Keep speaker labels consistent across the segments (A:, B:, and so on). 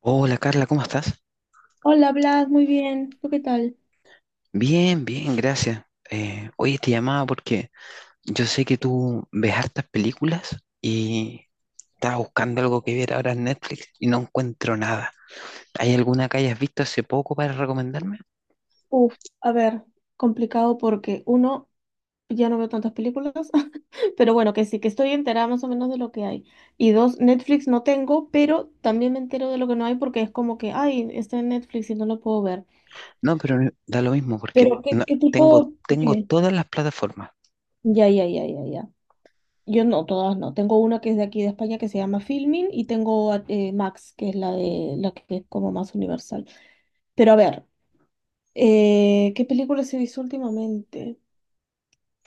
A: Hola Carla, ¿cómo estás?
B: Hola, Blas, muy bien. ¿Tú qué tal?
A: Bien, bien, gracias. Oye, te llamaba porque yo sé que tú ves hartas películas y estaba buscando algo que ver ahora en Netflix y no encuentro nada. ¿Hay alguna que hayas visto hace poco para recomendarme?
B: Uf, a ver, complicado porque uno, ya no veo tantas películas, pero bueno, que sí, que estoy enterada más o menos de lo que hay. Y dos, Netflix no tengo, pero también me entero de lo que no hay porque es como que, ay, está en Netflix y no lo puedo ver.
A: No, pero da lo mismo porque
B: Pero, ¿qué,
A: no-
B: qué
A: tengo,
B: tipo?
A: tengo
B: Dime.
A: todas las plataformas.
B: Ya, ya, ya, ya, ya. Yo no, todas no. Tengo una que es de aquí de España que se llama Filmin y tengo Max, que es la de la que es como más universal. Pero a ver, ¿qué películas he visto últimamente?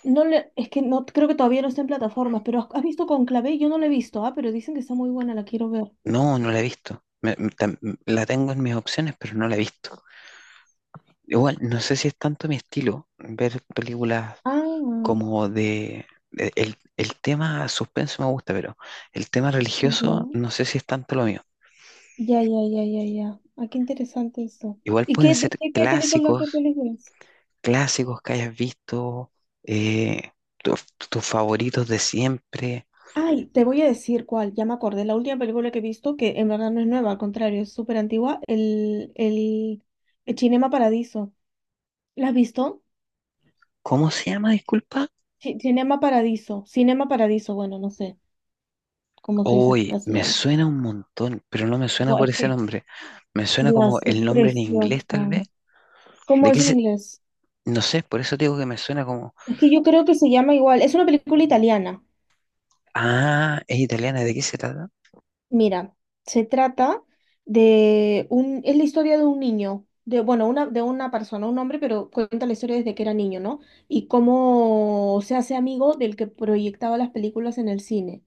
B: Es que no creo que todavía no está en plataformas, pero ¿has visto Conclave? Yo no la he visto, ah, pero dicen que está muy buena, la quiero ver.
A: No, no la he visto. La tengo en mis opciones, pero no la he visto. Igual, no sé si es tanto mi estilo ver películas
B: Ah,
A: como el tema suspenso me gusta, pero el tema religioso
B: ya,
A: no sé si es tanto lo mío.
B: ya, ya, ya, ya, ya. Ah, qué interesante esto.
A: Igual
B: ¿Y
A: pueden
B: qué, de
A: ser
B: qué, qué
A: clásicos,
B: película es?
A: clásicos que hayas visto, eh, tus tus favoritos de siempre.
B: Ay, te voy a decir cuál, ya me acordé, la última película que he visto, que en verdad no es nueva, al contrario, es súper antigua, el Cinema Paradiso. ¿La has visto?
A: ¿Cómo se llama, disculpa?
B: Cinema Paradiso, Cinema Paradiso, bueno, no sé cómo se dice en
A: Hoy me
B: castellano.
A: suena un montón, pero no me suena
B: Buah,
A: por
B: es
A: ese
B: que
A: nombre. Me suena como
B: las es
A: el nombre en inglés,
B: preciosa.
A: tal vez.
B: ¿Cómo
A: ¿De qué
B: es en
A: se...?
B: inglés?
A: No sé, por eso digo que me suena como...
B: Es que yo creo que se llama igual. Es una película italiana.
A: Ah, es italiana, ¿de qué se trata?
B: Mira, se trata de un, es la historia de un niño, de, bueno, una, de una persona, un hombre, pero cuenta la historia desde que era niño, ¿no? Y cómo se hace amigo del que proyectaba las películas en el cine.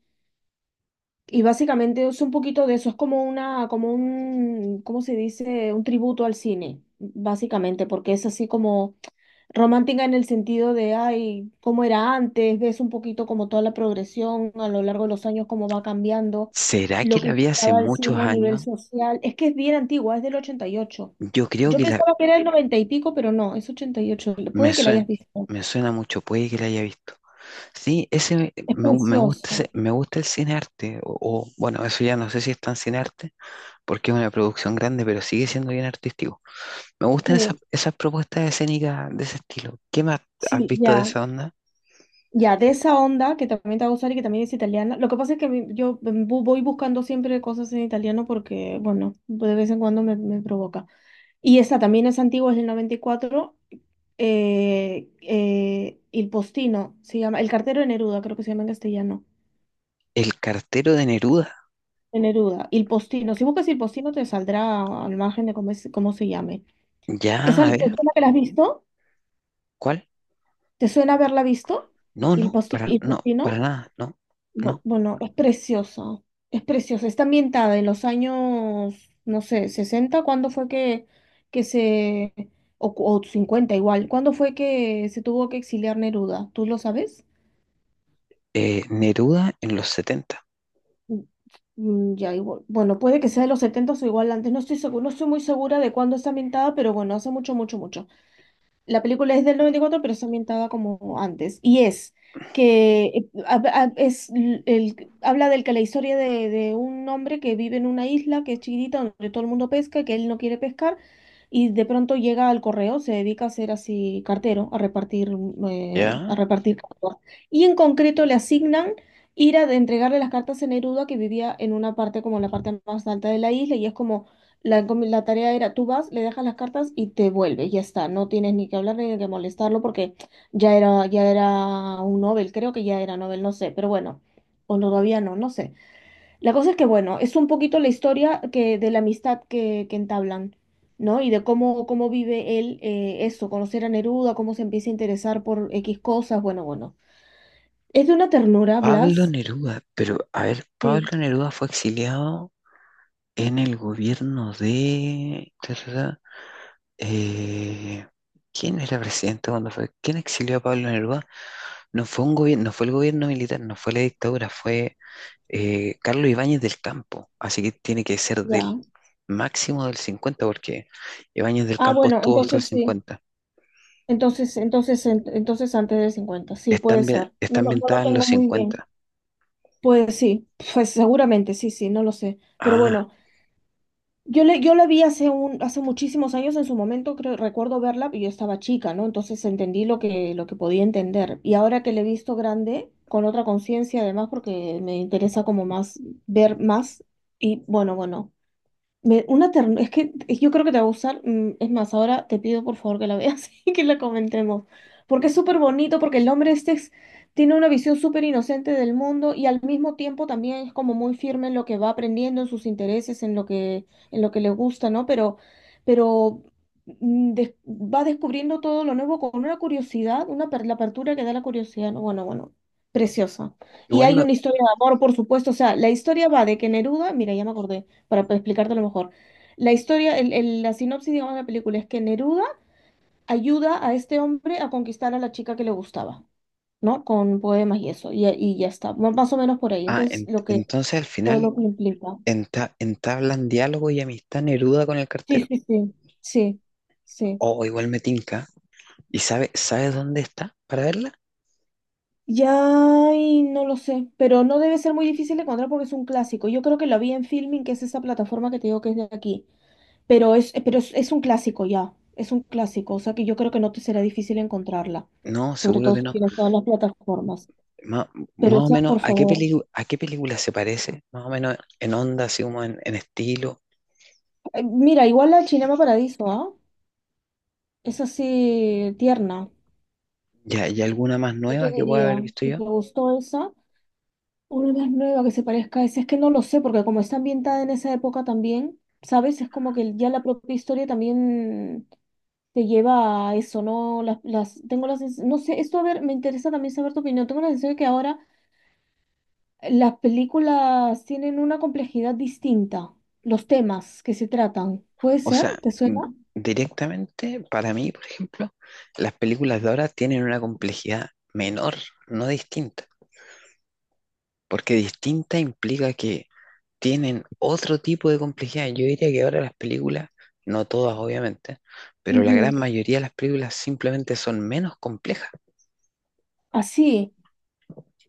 B: Y básicamente es un poquito de eso, es como una, como un, ¿cómo se dice? Un tributo al cine, básicamente, porque es así como romántica en el sentido de, ay, cómo era antes, ves un poquito como toda la progresión a lo largo de los años, cómo va cambiando,
A: ¿Será
B: lo
A: que
B: que
A: la vi hace
B: estaba el
A: muchos
B: cine a nivel
A: años?
B: social. Es que es bien antigua, es del 88.
A: Yo creo
B: Yo
A: que la
B: pensaba que era el 90 y pico, pero no, es 88.
A: me
B: Puede que la
A: suena,
B: hayas visto.
A: me suena mucho, puede que la haya visto. Sí, ese me,
B: Es
A: me gu- me gusta ese-
B: precioso.
A: me gusta el cine arte, o, bueno, eso ya no sé si es tan cine arte, porque es una producción grande, pero sigue siendo bien artístico. Me gustan esas,
B: Sí,
A: esas propuestas escénicas de ese estilo. ¿Qué más has
B: sí,
A: visto de
B: ya.
A: esa onda?
B: Ya, de esa onda que también te va a gustar y que también es italiana. Lo que pasa es que a yo voy buscando siempre cosas en italiano porque, bueno, de vez en cuando me provoca. Y esta también es antigua, es del 94. Il Postino, se llama, El cartero de Neruda, creo que se llama en castellano.
A: El cartero de Neruda.
B: De Neruda, Il Postino. Si buscas Il Postino te saldrá al margen de cómo, cómo se llame.
A: Ya, a
B: ¿Te
A: ver,
B: suena que la has visto?
A: ¿cuál?
B: ¿Te suena haberla visto?
A: No, no, para,
B: Il
A: no, para
B: Postino.
A: nada, no, no.
B: Bueno, es preciosa, es preciosa. Está ambientada en los años, no sé, 60. ¿Cuándo fue que, que se, o 50 igual, cuándo fue que se tuvo que exiliar Neruda? ¿Tú lo sabes?
A: Neruda en los 70.
B: Mm, mm, ya, igual. Bueno, puede que sea de los 70 o igual antes, no estoy seguro, no estoy muy segura de cuándo está ambientada, pero bueno, hace mucho, mucho, mucho. La película es del 94, pero está ambientada como antes. Y es que habla del que la historia de un hombre que vive en una isla que es chiquitita, donde todo el mundo pesca, que él no quiere pescar, y de pronto llega al correo, se dedica a ser así cartero, a repartir, eh, a
A: Ya.
B: repartir cartas. Y en concreto le asignan ir a entregarle las cartas a Neruda, que vivía en una parte como en la parte más alta de la isla, y es como la tarea era, tú vas, le dejas las cartas y te vuelves, ya está, no tienes ni que hablar ni que molestarlo porque ya era un Nobel, creo que ya era Nobel, no sé, pero bueno, o no, todavía no, no sé. La cosa es que bueno, es un poquito la historia que, de la amistad que entablan, ¿no? Y de cómo vive él eso, conocer a Neruda, cómo se empieza a interesar por X cosas, bueno, bueno. Es de una ternura,
A: Pablo
B: Blas.
A: Neruda, pero a ver, Pablo
B: Sí,
A: Neruda fue exiliado en el gobierno de... eh, ¿quién era presidente cuando fue? ¿Quién exilió a Pablo Neruda? No fue un gobierno, no fue el gobierno militar, no fue la dictadura, fue Carlos Ibáñez del Campo, así que tiene que ser del
B: ya.
A: máximo del 50, porque Ibáñez del
B: Ah,
A: Campo
B: bueno,
A: estuvo hasta el
B: entonces sí.
A: cincuenta.
B: Entonces antes del 50, sí,
A: Está,
B: puede
A: ambien-
B: ser.
A: está
B: No, no lo
A: ambientada en los
B: tengo muy bien.
A: 50.
B: Pues sí, pues seguramente, sí, sí, no lo sé. Pero
A: Ah,
B: bueno, yo la vi hace muchísimos años en su momento, creo, recuerdo verla, y yo estaba chica, ¿no? Entonces entendí lo que podía entender. Y ahora que la he visto grande, con otra conciencia además, porque me interesa como más ver más. Y bueno, bueno, es que yo creo que te va a gustar. Es más, ahora te pido por favor que la veas y que la comentemos. Porque es súper bonito, porque el hombre este tiene una visión súper inocente del mundo y al mismo tiempo también es como muy firme en lo que va aprendiendo, en sus intereses, en lo que le gusta, ¿no? Pero va descubriendo todo lo nuevo con una curiosidad, la apertura que da la curiosidad, ¿no? Bueno, bueno, preciosa. Y
A: igual
B: hay
A: me...
B: una historia de amor, por supuesto. O sea, la historia va de que Neruda, mira, ya me acordé para explicártelo mejor. La historia, la sinopsis, digamos, de la película es que Neruda ayuda a este hombre a conquistar a la chica que le gustaba, ¿no? Con poemas y eso, y ya está, más o menos por ahí.
A: Ah,
B: Entonces,
A: en- entonces al
B: todo
A: final
B: lo que implica.
A: entablan diálogo y amistad Neruda con el
B: Sí,
A: cartero.
B: sí, sí, sí, sí.
A: Oh, igual me tinca. ¿Y sabes dónde está para verla?
B: Ya, y no lo sé, pero no debe ser muy difícil de encontrar porque es un clásico. Yo creo que lo vi en Filming, que es esa plataforma que te digo que es de aquí. Es un clásico ya, es un clásico, o sea que yo creo que no te será difícil encontrarla,
A: No,
B: sobre
A: seguro
B: todo
A: que
B: si
A: no.
B: tienes todas las plataformas.
A: Ma-
B: Pero
A: Más o
B: esa,
A: menos,
B: por
A: ¿a qué
B: favor.
A: película se parece? Más o menos en onda, así como en estilo.
B: Mira, igual la Cinema Paradiso, ¿ah? Es así tierna.
A: ¿Y, hay alguna más
B: Yo te
A: nueva que pueda haber
B: diría,
A: visto
B: si
A: yo?
B: te gustó esa, una más nueva que se parezca a esa, es que no lo sé, porque como está ambientada en esa época también, ¿sabes? Es como que ya la propia historia también te lleva a eso, ¿no? Tengo las, no sé, esto a ver, me interesa también saber tu opinión. Tengo la sensación de que ahora las películas tienen una complejidad distinta, los temas que se tratan. ¿Puede
A: O
B: ser?
A: sea,
B: ¿Te
A: mm,
B: suena?
A: directamente, para mí, por ejemplo, las películas de ahora tienen una complejidad menor, no distinta. Porque distinta implica que tienen otro tipo de complejidad. Yo diría que ahora las películas, no todas obviamente, pero la gran
B: Ujú.
A: mayoría de las películas simplemente son menos complejas.
B: Así.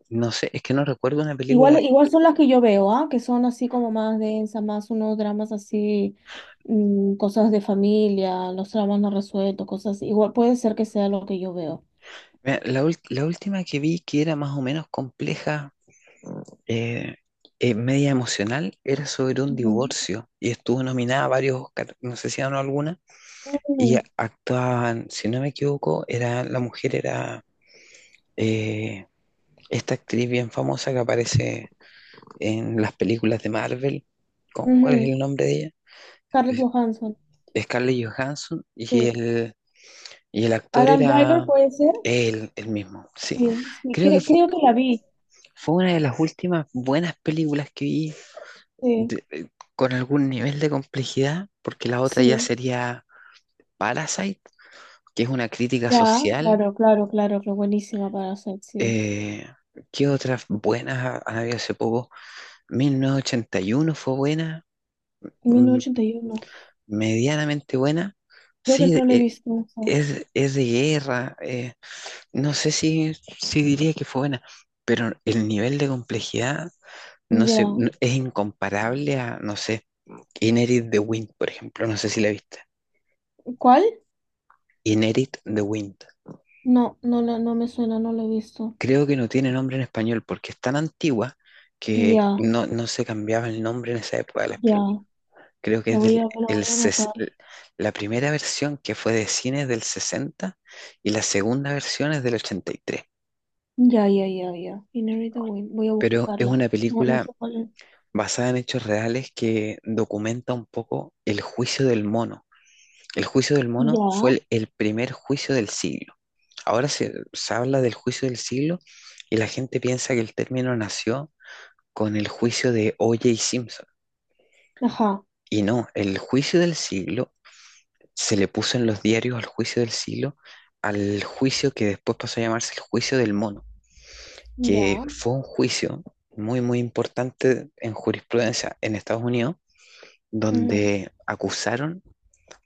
A: No sé, es que no recuerdo una
B: Igual,
A: película.
B: igual son las que yo veo, ¿ah? Que son así como más densas, más unos dramas así, cosas de familia, los dramas no resueltos, cosas así. Igual puede ser que sea lo que yo veo.
A: Mira, la última que vi que era más o menos compleja, eh, media emocional, era sobre un
B: Ujú.
A: divorcio y estuvo nominada a varios Oscar, no sé si ganó alguna, y
B: Ujú.
A: actuaban, si no me equivoco, la mujer era eh, esta actriz bien famosa que aparece en las películas de Marvel. ¿Cuál es
B: Ujú.
A: el nombre de ella?
B: Scarlett
A: Es-
B: Johansson.
A: Scarlett Johansson y
B: Sí.
A: y el actor
B: Adam Driver
A: era
B: puede ser.
A: él, el mismo, sí.
B: Sí, sí.
A: Creo que
B: cre-
A: fu-
B: creo que la vi.
A: fue, una de las últimas buenas películas que vi
B: Sí,
A: de- eh, con algún nivel de complejidad, porque la otra ya
B: sí.
A: sería Parasite, que es una crítica
B: Ya,
A: social.
B: claro, claro, claro, que buenísima para hacer, sí.
A: Eh, ¿qué otras buenas han habido hace poco? 1981 fue buena.
B: mil
A: mm,
B: novecientos ochenta y uno
A: medianamente buena.
B: Creo que
A: Sí,
B: no la he visto eso.
A: es de guerra. No sé si diría que fue buena, pero el nivel de complejidad no sé,
B: Ya.
A: es incomparable a, no sé, Inherit the Wind, por ejemplo. No sé si la viste.
B: ¿Cuál?
A: Inherit the Wind.
B: No, no, no me suena, no la he visto.
A: Creo que no tiene nombre en español porque es tan antigua que
B: Ya,
A: no se cambiaba el nombre en esa época de las películas.
B: ya.
A: Creo que
B: La
A: es
B: voy
A: del,
B: a, la
A: el,
B: voy a
A: ses-
B: anotar.
A: la primera versión que fue de cine es del 60 y la segunda versión es del 83.
B: Ya, ya, ya, ya. Inherit the Wind. Voy a
A: Pero es
B: buscarla.
A: una
B: No, no
A: película
B: sé cuál es.
A: basada en hechos reales que documenta un poco el juicio del mono. El juicio del mono fue
B: Ya.
A: el primer juicio del siglo. Ahora se habla del juicio del siglo y la gente piensa que el término nació con el juicio de O.J. Simpson.
B: Ajá.
A: Y no, el juicio del siglo se le puso en los diarios al juicio del siglo, al juicio que después pasó a llamarse el juicio del mono, que
B: Ya.
A: fue un juicio muy, muy importante en jurisprudencia en Estados Unidos,
B: Ujú,
A: donde acusaron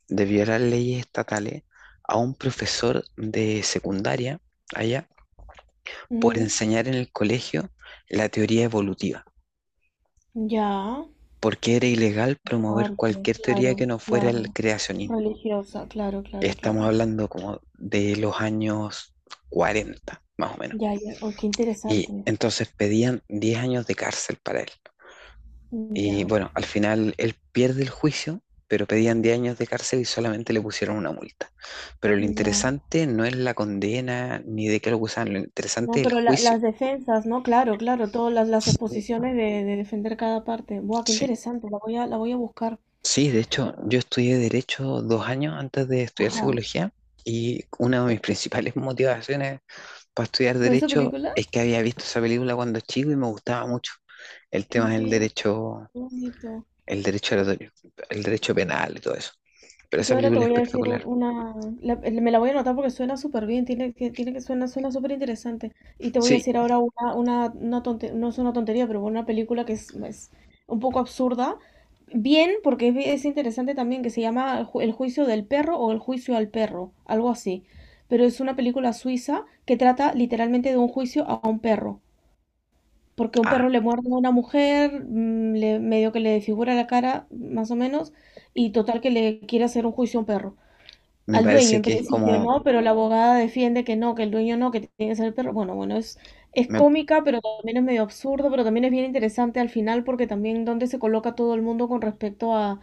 A: de violar leyes estatales a un profesor de secundaria allá por
B: ujú.
A: enseñar en el colegio la teoría evolutiva,
B: Ya.
A: porque era ilegal promover
B: Fuerte.
A: cualquier teoría que
B: Claro,
A: no fuera el
B: claro.
A: creacionismo.
B: Religiosa, claro, claro,
A: Estamos
B: claro.
A: hablando como de los años 40 más o menos.
B: Ya, ya. Oh, qué
A: Y
B: interesante.
A: entonces pedían 10 años de cárcel para él. Y
B: Ya,
A: bueno, al final él pierde el juicio, pero pedían 10 años de cárcel y solamente le pusieron una multa. Pero lo
B: ya.
A: interesante no es la condena ni de qué lo acusaban, lo interesante
B: No,
A: es el
B: pero
A: juicio.
B: las defensas, ¿no? Claro, claro, todas las exposiciones de defender cada parte. Buah, qué
A: Sí,
B: interesante, la voy a buscar.
A: sí, de hecho, yo estudié derecho 2 años antes de estudiar
B: Ajá.
A: psicología y una de mis principales motivaciones para estudiar
B: ¿Fue esa
A: derecho
B: película?
A: es que había visto esa película cuando chico y me gustaba mucho el
B: Qué
A: tema del
B: interesante,
A: derecho,
B: qué bonito.
A: el derecho oratorio, el derecho penal y todo eso. Pero
B: Yo
A: esa
B: ahora te
A: película es
B: voy a decir
A: espectacular.
B: me la voy a anotar porque suena súper bien, suena súper interesante. Y te voy a
A: Sí,
B: decir ahora no es una tontería, pero una película que es un poco absurda. Bien, porque es interesante también, que se llama El juicio del perro o El juicio al perro, algo así. Pero es una película suiza que trata literalmente de un juicio a un perro. Porque un
A: ah,
B: perro le muerde a una mujer, medio que le desfigura la cara, más o menos, y total que le quiere hacer un juicio a un perro.
A: me
B: Al dueño
A: parece
B: en
A: que es
B: principio no,
A: como,
B: pero la abogada defiende que no, que el dueño no, que tiene que ser el perro. Bueno, bueno, es
A: me,
B: cómica, pero también es medio absurdo, pero también es bien interesante al final porque también dónde se coloca todo el mundo con respecto a,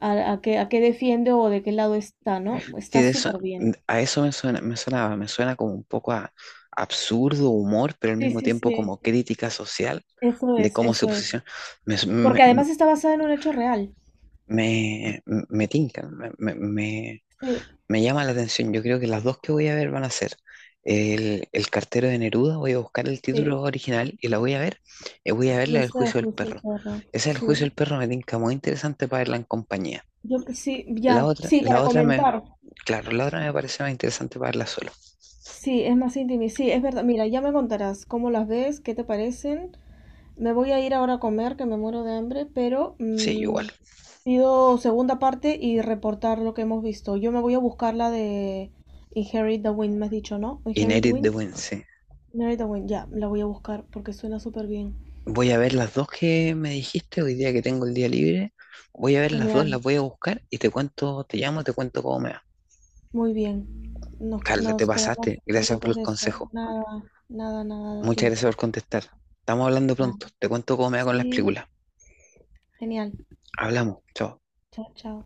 B: a, a qué, a qué defiende o de qué lado está, ¿no?
A: sí,
B: Está súper bien.
A: a eso me suena, me suena como un poco a absurdo humor, pero al
B: Sí,
A: mismo
B: sí,
A: tiempo
B: sí,
A: como crítica social
B: eso
A: de
B: es,
A: cómo se
B: eso es.
A: posiciona. Me, me,
B: Porque
A: me,
B: además está basada en un hecho real.
A: me- me tinca, me, me, me-
B: Sí,
A: Me llama la atención, yo creo que las dos que voy a ver van a ser el cartero de Neruda, voy a buscar el
B: sí.
A: título original y la voy a ver, y voy a ver
B: Y
A: la del
B: está el
A: juicio del
B: juicio del
A: perro.
B: perro.
A: Esa del juicio
B: Sí.
A: del perro me tinca muy interesante para verla en compañía.
B: Yo sí,
A: La
B: ya,
A: otra,
B: sí,
A: la
B: para
A: otra me,
B: comentar.
A: claro, la otra me parece más interesante para verla solo.
B: Sí, es más íntimo y sí, es verdad. Mira, ya me contarás cómo las ves, qué te parecen. Me voy a ir ahora a comer, que me muero de hambre, pero
A: Sí, igual.
B: pido segunda parte y reportar lo que hemos visto. Yo me voy a buscar la de Inherit the Wind, me has dicho, ¿no?
A: Y
B: Inherit
A: Inherit de
B: Wind.
A: Wednesday.
B: Inherit the Wind, ya, la voy a buscar porque suena súper bien.
A: Voy a ver las dos que me dijiste hoy día que tengo el día libre. Voy a ver las dos, las
B: Genial,
A: voy a buscar y te cuento, te llamo, te cuento cómo me va.
B: muy bien. Nos,
A: Carla, te
B: nos quedamos
A: pasaste. Gracias por
B: pendientes
A: el
B: de eso.
A: consejo.
B: Nada, nada, nada de
A: Muchas
B: ti.
A: gracias por contestar. Estamos hablando
B: Nada.
A: pronto. Te cuento cómo me va con las
B: Sí,
A: películas.
B: genial.
A: Hablamos. Chao.
B: Chao, chao.